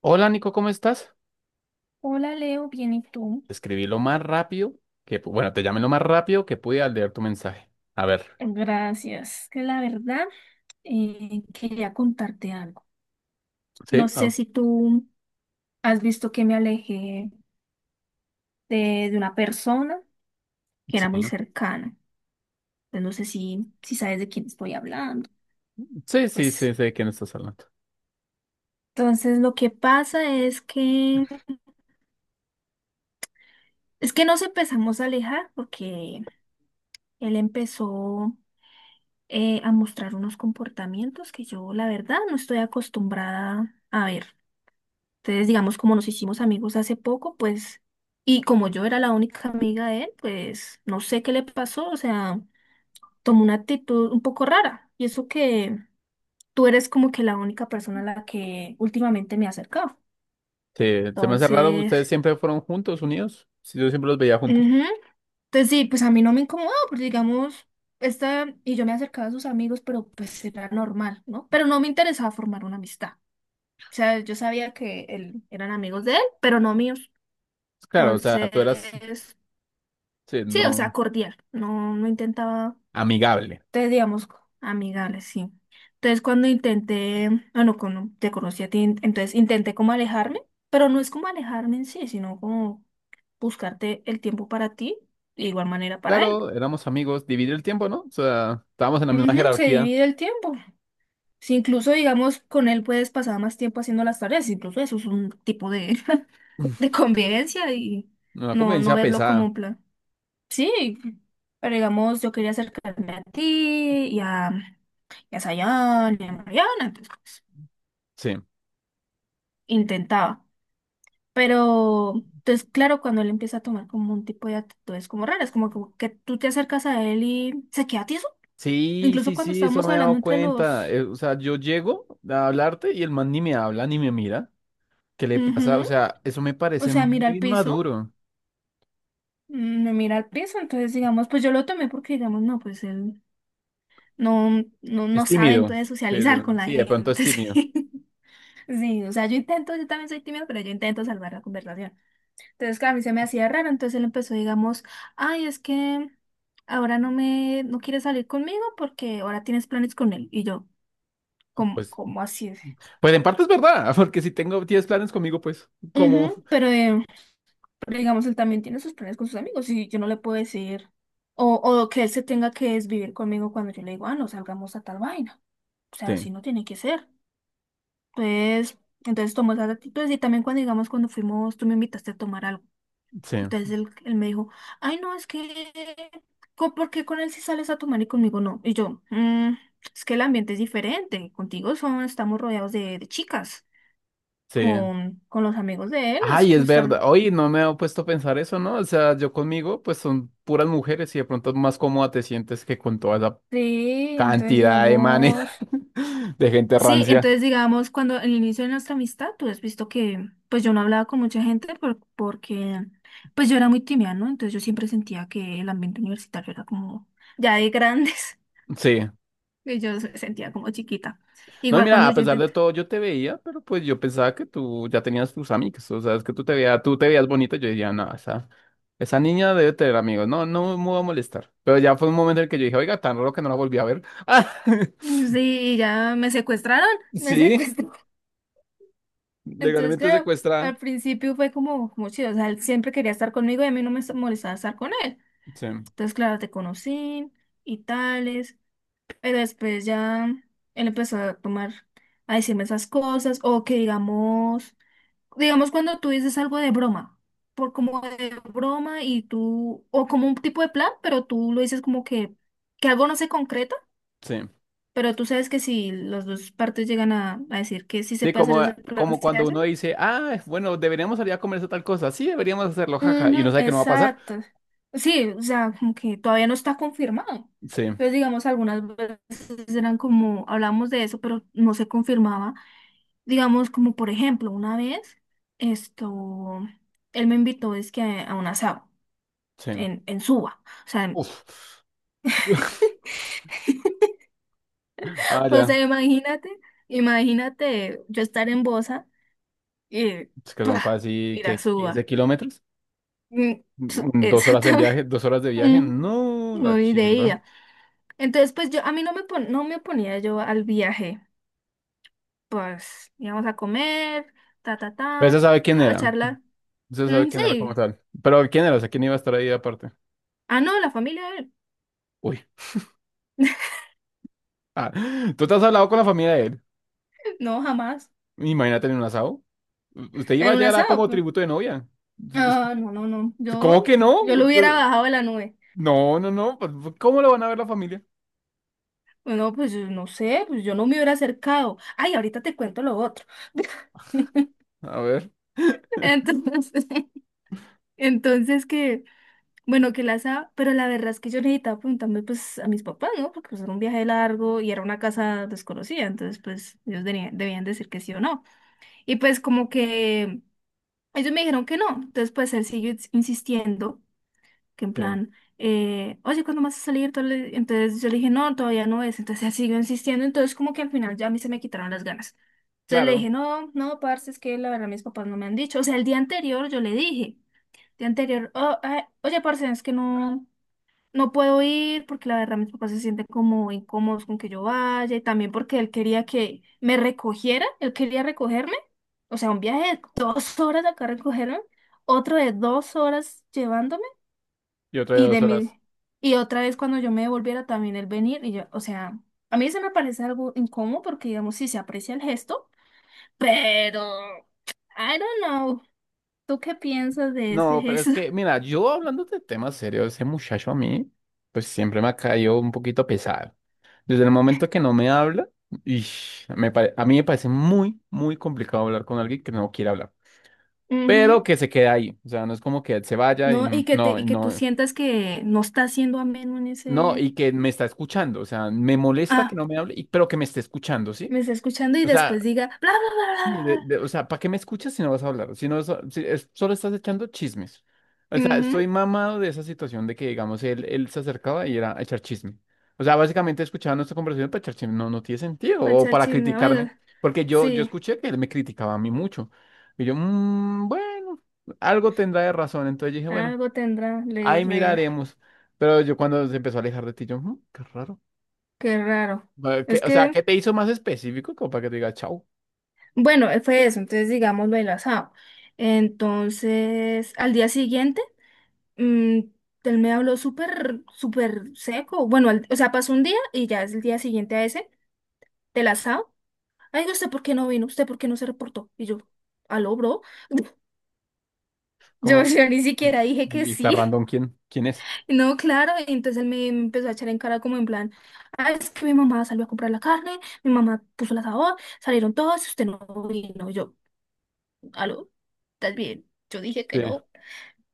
Hola Nico, ¿cómo estás? Hola Leo, bien y tú. Te Escribí lo más rápido que, bueno, te llamé lo más rápido que pude al leer tu mensaje. A ver, Gracias. Que la verdad, quería contarte algo. No ¿sí? sé Ah, si tú has visto que me alejé de una persona que era muy sí, cercana. Pues no sé si sabes de quién estoy hablando. sí, sí, Pues sí, sé de quién estás hablando. entonces lo que pasa es que nos empezamos a alejar porque él empezó a mostrar unos comportamientos que yo la verdad no estoy acostumbrada a ver. Entonces, digamos, como nos hicimos amigos hace poco, pues, y como yo era la única amiga de él, pues, no sé qué le pasó, o sea, tomó una actitud un poco rara. Y eso que tú eres como que la única persona a la que últimamente me he acercado. Sí, se me hace raro, Entonces, ustedes siempre fueron juntos, unidos. Sí, yo siempre los veía juntos. ujú. Entonces sí, pues a mí no me incomodó, porque digamos, y yo me acercaba a sus amigos, pero pues era normal, ¿no? Pero no me interesaba formar una amistad. O sea, yo sabía que él, eran amigos de él, pero no míos. Claro, o sea, tú eras, Entonces, sí, sí, o sea, no, cordial. No, no intentaba, amigable. te digamos, amigable, sí. Entonces, cuando intenté, bueno, cuando te conocí a ti, entonces intenté como alejarme, pero no es como alejarme en sí, sino como buscarte el tiempo para ti, de igual manera para él. Claro, éramos amigos, dividir el tiempo, ¿no? O sea, estábamos en la misma Ujú, se jerarquía, divide el tiempo. Si incluso, digamos, con él puedes pasar más tiempo haciendo las tareas, incluso eso es un tipo de, de convivencia y una no, no convivencia verlo como pesada, un plan. Sí, pero digamos, yo quería acercarme a ti y a Sayan y a Mariana, entonces pues, sí. intentaba. Pero, entonces, claro, cuando él empieza a tomar como un tipo de actitudes como raras, como que tú te acercas a él y se queda tieso. Sí, sí, Incluso cuando sí, eso estábamos me he hablando dado entre cuenta. los... O sea, yo llego a hablarte y el man ni me habla ni me mira. ¿Qué le pasa? O Ujú. sea, eso me O parece sea, mira muy al piso, inmaduro. Me mira al piso, entonces digamos, pues yo lo tomé porque digamos, no, pues él no, no, Es no sabe tímido. entonces socializar con la Sí, de pronto es gente, tímido. sí. Sí, o sea, yo intento, yo también soy tímida, pero yo intento salvar la conversación. Entonces, claro, a mí se me hacía raro, entonces él empezó, digamos, ay, es que ahora no quieres salir conmigo porque ahora tienes planes con él. Y yo, ¿cómo, Pues, cómo así? pues en parte es verdad, porque si tengo 10 planes conmigo, pues, ¿cómo? Ujú, pero digamos, él también tiene sus planes con sus amigos y yo no le puedo decir, o que él se tenga que desvivir conmigo cuando yo le digo, ah, no salgamos a tal vaina. O sea, Sí, así no tiene que ser. Pues, entonces tomó esas actitudes y también cuando, digamos, cuando fuimos, tú me invitaste a tomar algo. sí, Entonces él me dijo, ay, no, es que, ¿por qué con él sí sales a tomar y conmigo no? Y yo, mm, es que el ambiente es diferente, contigo son, estamos rodeados de chicas, sí. con los amigos de él es Ay, como es verdad. estar... Oye, no me he puesto a pensar eso, ¿no? O sea, yo conmigo, pues son puras mujeres y de pronto más cómoda te sientes que con toda esa Sí, entonces cantidad de manes, digamos... de gente rancia. Cuando en el inicio de nuestra amistad, tú has visto que, pues yo no hablaba con mucha gente porque pues yo era muy tímida, ¿no? Entonces yo siempre sentía que el ambiente universitario era como ya de grandes. Sí. Y yo sentía como chiquita. No, y Igual mira, cuando a yo pesar de intenté. todo, yo te veía, pero pues yo pensaba que tú ya tenías tus amigos, o sea, es que tú te veías bonito, yo decía, no, esa niña debe tener amigos, no, no me voy a molestar. Pero ya fue un momento en el que yo dije, oiga, tan raro que no la volví a ver. Ah, Mm, sí, ya me secuestraron, me sí, secuestraron. Entonces, legalmente claro, secuestrada. al principio fue como, como chido. O sea, él siempre quería estar conmigo y a mí no me molestaba estar con él. Sí, Entonces, claro, te conocí y tales. Pero después ya él empezó a tomar, a decirme esas cosas. O que digamos cuando tú dices algo de broma. Por como de broma y tú, o como un tipo de plan, pero tú lo dices como que algo no se concreta. sí. Pero tú sabes que si las dos partes llegan a decir que sí se Sí, puede hacer como, ese plan, como se cuando uno hace. dice, ah, bueno, deberíamos salir a comerse tal cosa, sí, deberíamos hacerlo, jaja, Ujú, y uno sabe que no va a pasar. exacto. Sí, o sea, como que todavía no está confirmado. Sí, Entonces, digamos, algunas veces eran como, hablamos de eso, pero no se confirmaba. Digamos, como por ejemplo, una vez, esto, él me invitó, es que un asado sí. en Suba. O sea, en- Uf. Ah, o ya, sea, imagínate, imagínate yo estar en Bosa y es que son ¡pah! casi, Ir a ¿qué? quince Suba. kilómetros? Mm. Mm, 2 horas en Exactamente. viaje, 2 horas de viaje, Mm, no, la Muy de chimba. ida. Entonces, pues yo, a mí no me oponía yo al viaje. Pues íbamos a comer, ta, ta, Pero se ta, sabe quién a era, charlar. se sabe Mm, quién era sí. como tal. Pero quién era, o sea, quién iba a estar ahí aparte. Ah, no, la familia de él. Uy, ah, tú te has hablado con la familia de él. No, jamás. Imagínate en un asado. Usted iba En un ya, era asado, como pues. tributo de novia. Ah, no, no, no. ¿Cómo Yo, que no? yo lo hubiera bajado de la nube. No, no, no. Pues, ¿cómo lo van a ver la familia? Bueno, pues yo no sé, pues yo no me hubiera acercado. Ay, ahorita te cuento lo otro. A ver, Entonces, entonces que. Bueno, que las ha pero la verdad es que yo necesitaba preguntarme pues a mis papás, ¿no? Porque pues era un viaje largo y era una casa desconocida, entonces pues ellos debían decir que sí o no. Y pues como que ellos me dijeron que no, entonces pues él siguió insistiendo, que en sí, plan, oye, ¿cuándo vas a salir? Tal- Entonces yo le dije, no, todavía no es, entonces él siguió insistiendo, entonces como que al final ya a mí se me quitaron las ganas. Entonces le dije, claro. no, no, parce, es que la verdad mis papás no me han dicho, o sea, el día anterior yo le dije, el día anterior, oh, ah, oye, parce, es que no. No puedo ir porque la verdad mis papás se sienten como incómodos con que yo vaya y también porque él quería que me recogiera, él quería recogerme, o sea, un viaje de dos horas acá a recogerme, otro de dos horas llevándome Y otra de y de 2 horas. mi, y otra vez cuando yo me devolviera también él venir y yo, o sea, a mí se me parece algo incómodo porque digamos sí se aprecia el gesto, pero I don't know, ¿tú qué piensas de ese No, pero es gesto? que, mira, yo hablando de temas serios, ese muchacho a mí, pues siempre me ha caído un poquito pesado. Desde el momento que no me habla, ish, a mí me parece muy, muy complicado hablar con alguien que no quiere hablar, pero que se queda ahí. O sea, no es como que él se vaya y No, n- no, y que tú no, sientas que no está siendo ameno en no, ese. y que me está escuchando. O sea, me molesta que Ah, no me hable, pero que me esté escuchando, ¿sí? me está escuchando y O sea, después diga bla bla sí, bla o sea, ¿para qué me escuchas si no vas a hablar? Si no vas a- si es- Solo estás echando chismes. O bla. sea, Mhm, estoy mamado de esa situación de que, digamos, él se acercaba y era a echar chisme. O sea, básicamente escuchaba nuestra conversación para echar chisme. No, no tiene sentido. para O echar para chisme, criticarme. oiga. Porque yo Sí, escuché que él me criticaba a mí mucho. Y yo, "Mm, bueno, algo tendrá de razón". Entonces dije, bueno, algo tendrá, le ahí re. miraremos. Pero yo cuando se empezó a alejar de ti, yo, "Mm, qué raro". Qué raro. Es O sea, que, ¿qué te hizo más específico como para que te diga chao? bueno, fue eso, entonces digamos lo del asado. Entonces, al día siguiente, mm, él me habló súper, súper seco. Bueno, al- o sea, pasó un día y ya es el día siguiente a ese del asado. Ay, no, ¿usted por qué no vino? ¿Usted por qué no se reportó? Y yo, ¿aló, bro? Yo, ¿Cómo? yo ni siquiera Y, dije que y está sí. random quién, quién es. No, claro. Y entonces él me, me empezó a echar en cara como en plan, ah, es que mi mamá salió a comprar la carne, mi mamá puso el asador, salieron todos, y usted no vino. Y yo, ¿aló? ¿Estás bien? Yo dije que Sí. no.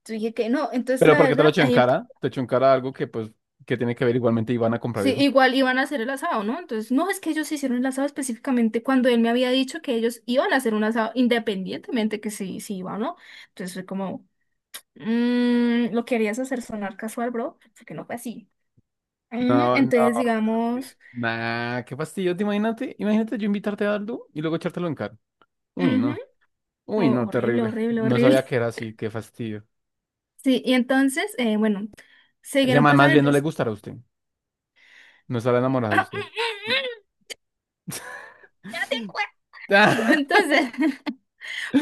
Yo dije que no. Entonces, Pero la ¿por qué te lo verdad, echó en ahí cara? Te echó en cara algo que pues que tiene que ver igualmente y van a comprar sí, eso. igual iban a hacer el asado, ¿no? Entonces, no, es que ellos hicieron el asado específicamente cuando él me había dicho que ellos iban a hacer un asado independientemente que si, si iba o no. Entonces, fue como... lo querías hacer sonar casual, bro, porque no fue así. No, no. Entonces, Eso sí. digamos, Nah, qué fastidio. Te imagínate, imagínate yo invitarte a algo y luego echártelo en cara. Uy, ujú, no. Uy, oh, no, horrible, terrible. horrible, No horrible. sabía que era así, qué fastidio. Sí, y entonces, bueno, Ese siguieron man más pasando, bien no le entonces, gustará a usted. No estará enamorado de usted. ya te cuento. Entonces,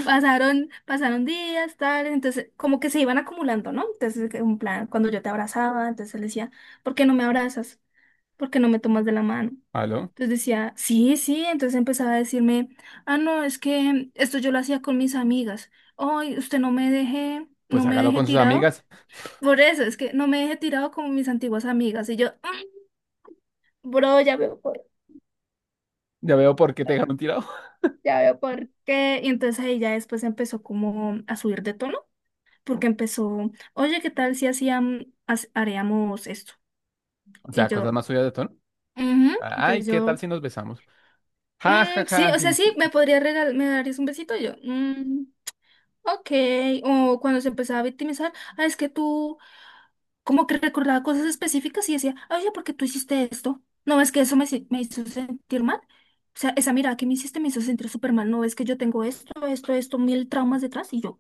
pasaron, pasaron días, tal, entonces, como que se iban acumulando, ¿no? Entonces, que un plan, cuando yo te abrazaba, entonces él decía, ¿por qué no me abrazas? ¿Por qué no me tomas de la mano? ¿Aló? Entonces decía, sí, sí, entonces empezaba a decirme, ah, no, es que esto yo lo hacía con mis amigas. Ay, usted no me deje, Pues no me hágalo deje con sus tirado. amigas. Por eso, es que no me deje tirado como mis antiguas amigas. Y yo, mm, bro, Ya veo por qué te dejaron tirado. ya veo por qué. Y entonces ahí ya después empezó como a subir de tono, porque empezó, oye, ¿qué tal si hacíamos, haríamos esto? O Y sea, cosas yo, más suyas de tono. ujú. Ay, Entonces ¿qué tal yo si nos besamos? Ja, ja, mm, sí, ja. o Sí. sea, sí, me podría regalar, me darías un besito yo. Mm, ok. O cuando se empezaba a victimizar, ah, es que tú como que recordaba cosas específicas y decía, oye, ¿por qué tú hiciste esto? No, es que eso me, si- me hizo sentir mal. O sea, esa mirada que me hiciste me hizo sentir súper mal. No, es que yo tengo esto, esto, esto, mil traumas detrás y yo,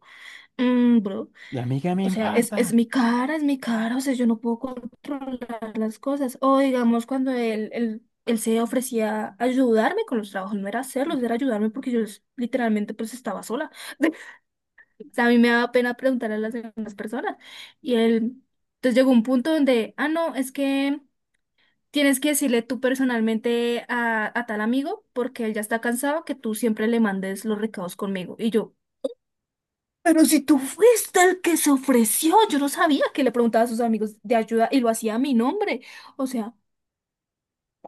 mm, bro. Y a mí qué me O sea, importa. Es mi cara, o sea, yo no puedo controlar las cosas. O digamos, cuando él se ofrecía a ayudarme con los trabajos, no era hacerlos, era ayudarme porque yo literalmente pues estaba sola. O sea, a mí me daba pena preguntar a las demás personas. Y él, entonces llegó un punto donde, ah, no, es que tienes que decirle tú personalmente a tal amigo porque él ya está cansado que tú siempre le mandes los recados conmigo. Y yo, pero si tú fuiste el que se ofreció, yo no sabía que le preguntaba a sus amigos de ayuda y lo hacía a mi nombre. O sea,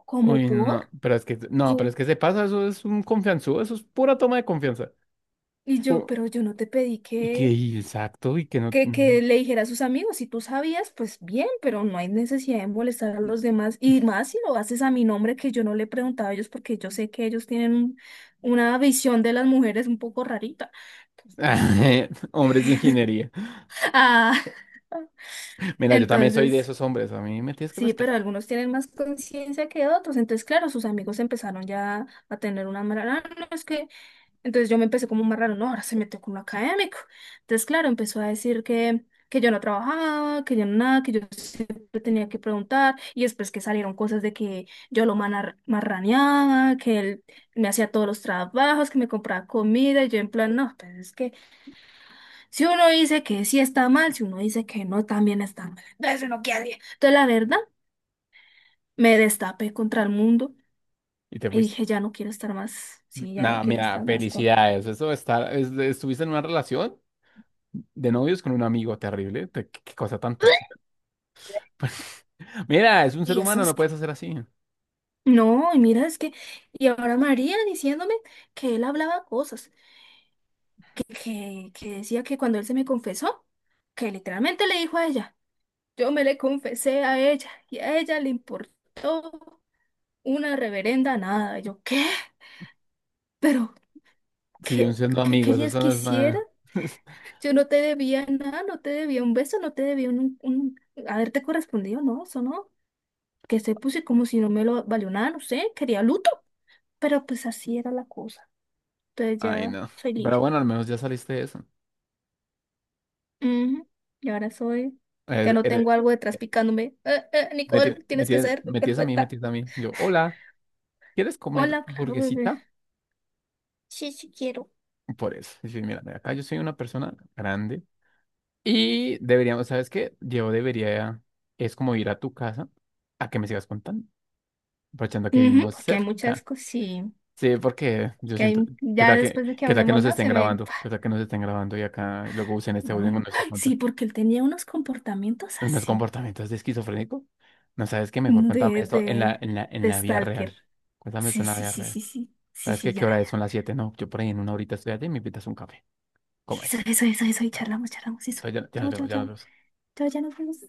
¿cómo Uy, por? no, pero es que, no, pero ¿Cómo? es que se pasa, eso es un confianzudo, eso es pura toma de confianza. Y yo, O- pero yo no te pedí Y que, y exacto, y que no. Que le dijera a sus amigos. Si tú sabías, pues bien, pero no hay necesidad de molestar a los demás. Y más si lo haces a mi nombre, que yo no le preguntaba a ellos, porque yo sé que ellos tienen una visión de las mujeres un poco rarita. Entonces, Hombres de ingeniería. ah, Mira, yo también soy de entonces. esos hombres, a mí me tienes que Sí, pero respetar. algunos tienen más conciencia que otros. Entonces, claro, sus amigos empezaron ya a tener una mala. Ah, no, es que. Entonces yo me empecé como más raro, no, ahora se metió con lo académico. Entonces, claro, empezó a decir que yo no trabajaba, que yo no nada, que yo siempre tenía que preguntar. Y después que salieron cosas de que yo lo marraneaba, que él me hacía todos los trabajos, que me compraba comida. Y yo, en plan, no, pues es que si uno dice que sí está mal, si uno dice que no, también está mal. Entonces, uno qué hace. Entonces, la verdad. Me destapé contra el mundo Y te y fuiste. dije, ya no quiero estar más, sí, ya no Nada, quiero mira, estar más con... felicidades. Estuviste en una relación de novios con un amigo terrible. Qué, qué cosa tan tóxica. Mira, es un ser Y eso humano, no es... puedes hacer así. No, y mira, es que... Y ahora María diciéndome que él hablaba cosas, que decía que cuando él se me confesó, que literalmente le dijo a ella, yo me le confesé a ella y a ella le importó una reverenda nada. Y yo, ¿qué? ¿Pero Siguen qué, siendo qué amigos, querías eso que no es hiciera? nada. Yo no te debía nada, no te debía un beso, no te debía un haberte correspondido, no, eso no. Que se puse como si no me lo valió nada, no sé, quería luto, pero pues así era la cosa. Entonces Ay, ya no. soy Pero libre. bueno, al menos ya saliste de eso. Ujú, y ahora soy, ya Es- no eres- tengo algo detrás eh, picándome. Eh, Nicole, tienes que ser Me tienes a mí, me perfecta. tienes a mí. Yo, hola, ¿quieres comer Hola, claro, bebé. burguesita? Sí, sí quiero. Por eso. Y mira, acá yo soy una persona grande. Y deberíamos, ¿sabes qué? Es como ir a tu casa a que me sigas contando, aprovechando que Ujú, vivimos porque hay muchas cerca. cosas, sí. Sí, porque yo Que siento, hay, ya después de que ¿qué tal que hablemos nos más, estén se me... grabando? ¿Qué tal que nos estén grabando y acá luego usen este No, audio en no. nuestros Ay, sí, porque él tenía unos comportamientos en unos así. comportamientos de esquizofrénico? No sabes qué, mejor cuéntame De, esto en de, en de la vida Stalker. real. Cuéntame esto Sí, en la sí, vida sí, real. sí, sí. Sí, ¿Sabes qué? sí, ¿Qué ya, hora es? Son ya. las 7, ¿no? Yo por ahí en una horita estoy allá y me invitas a un café. ¿Cómo Sí, eso, es? eso, eso, eso. Y Dale. charlamos, charlamos, eso. Entonces ya, ya nos Chao, chao, vemos, ya nos chao. vemos. Chao, ya nos vemos.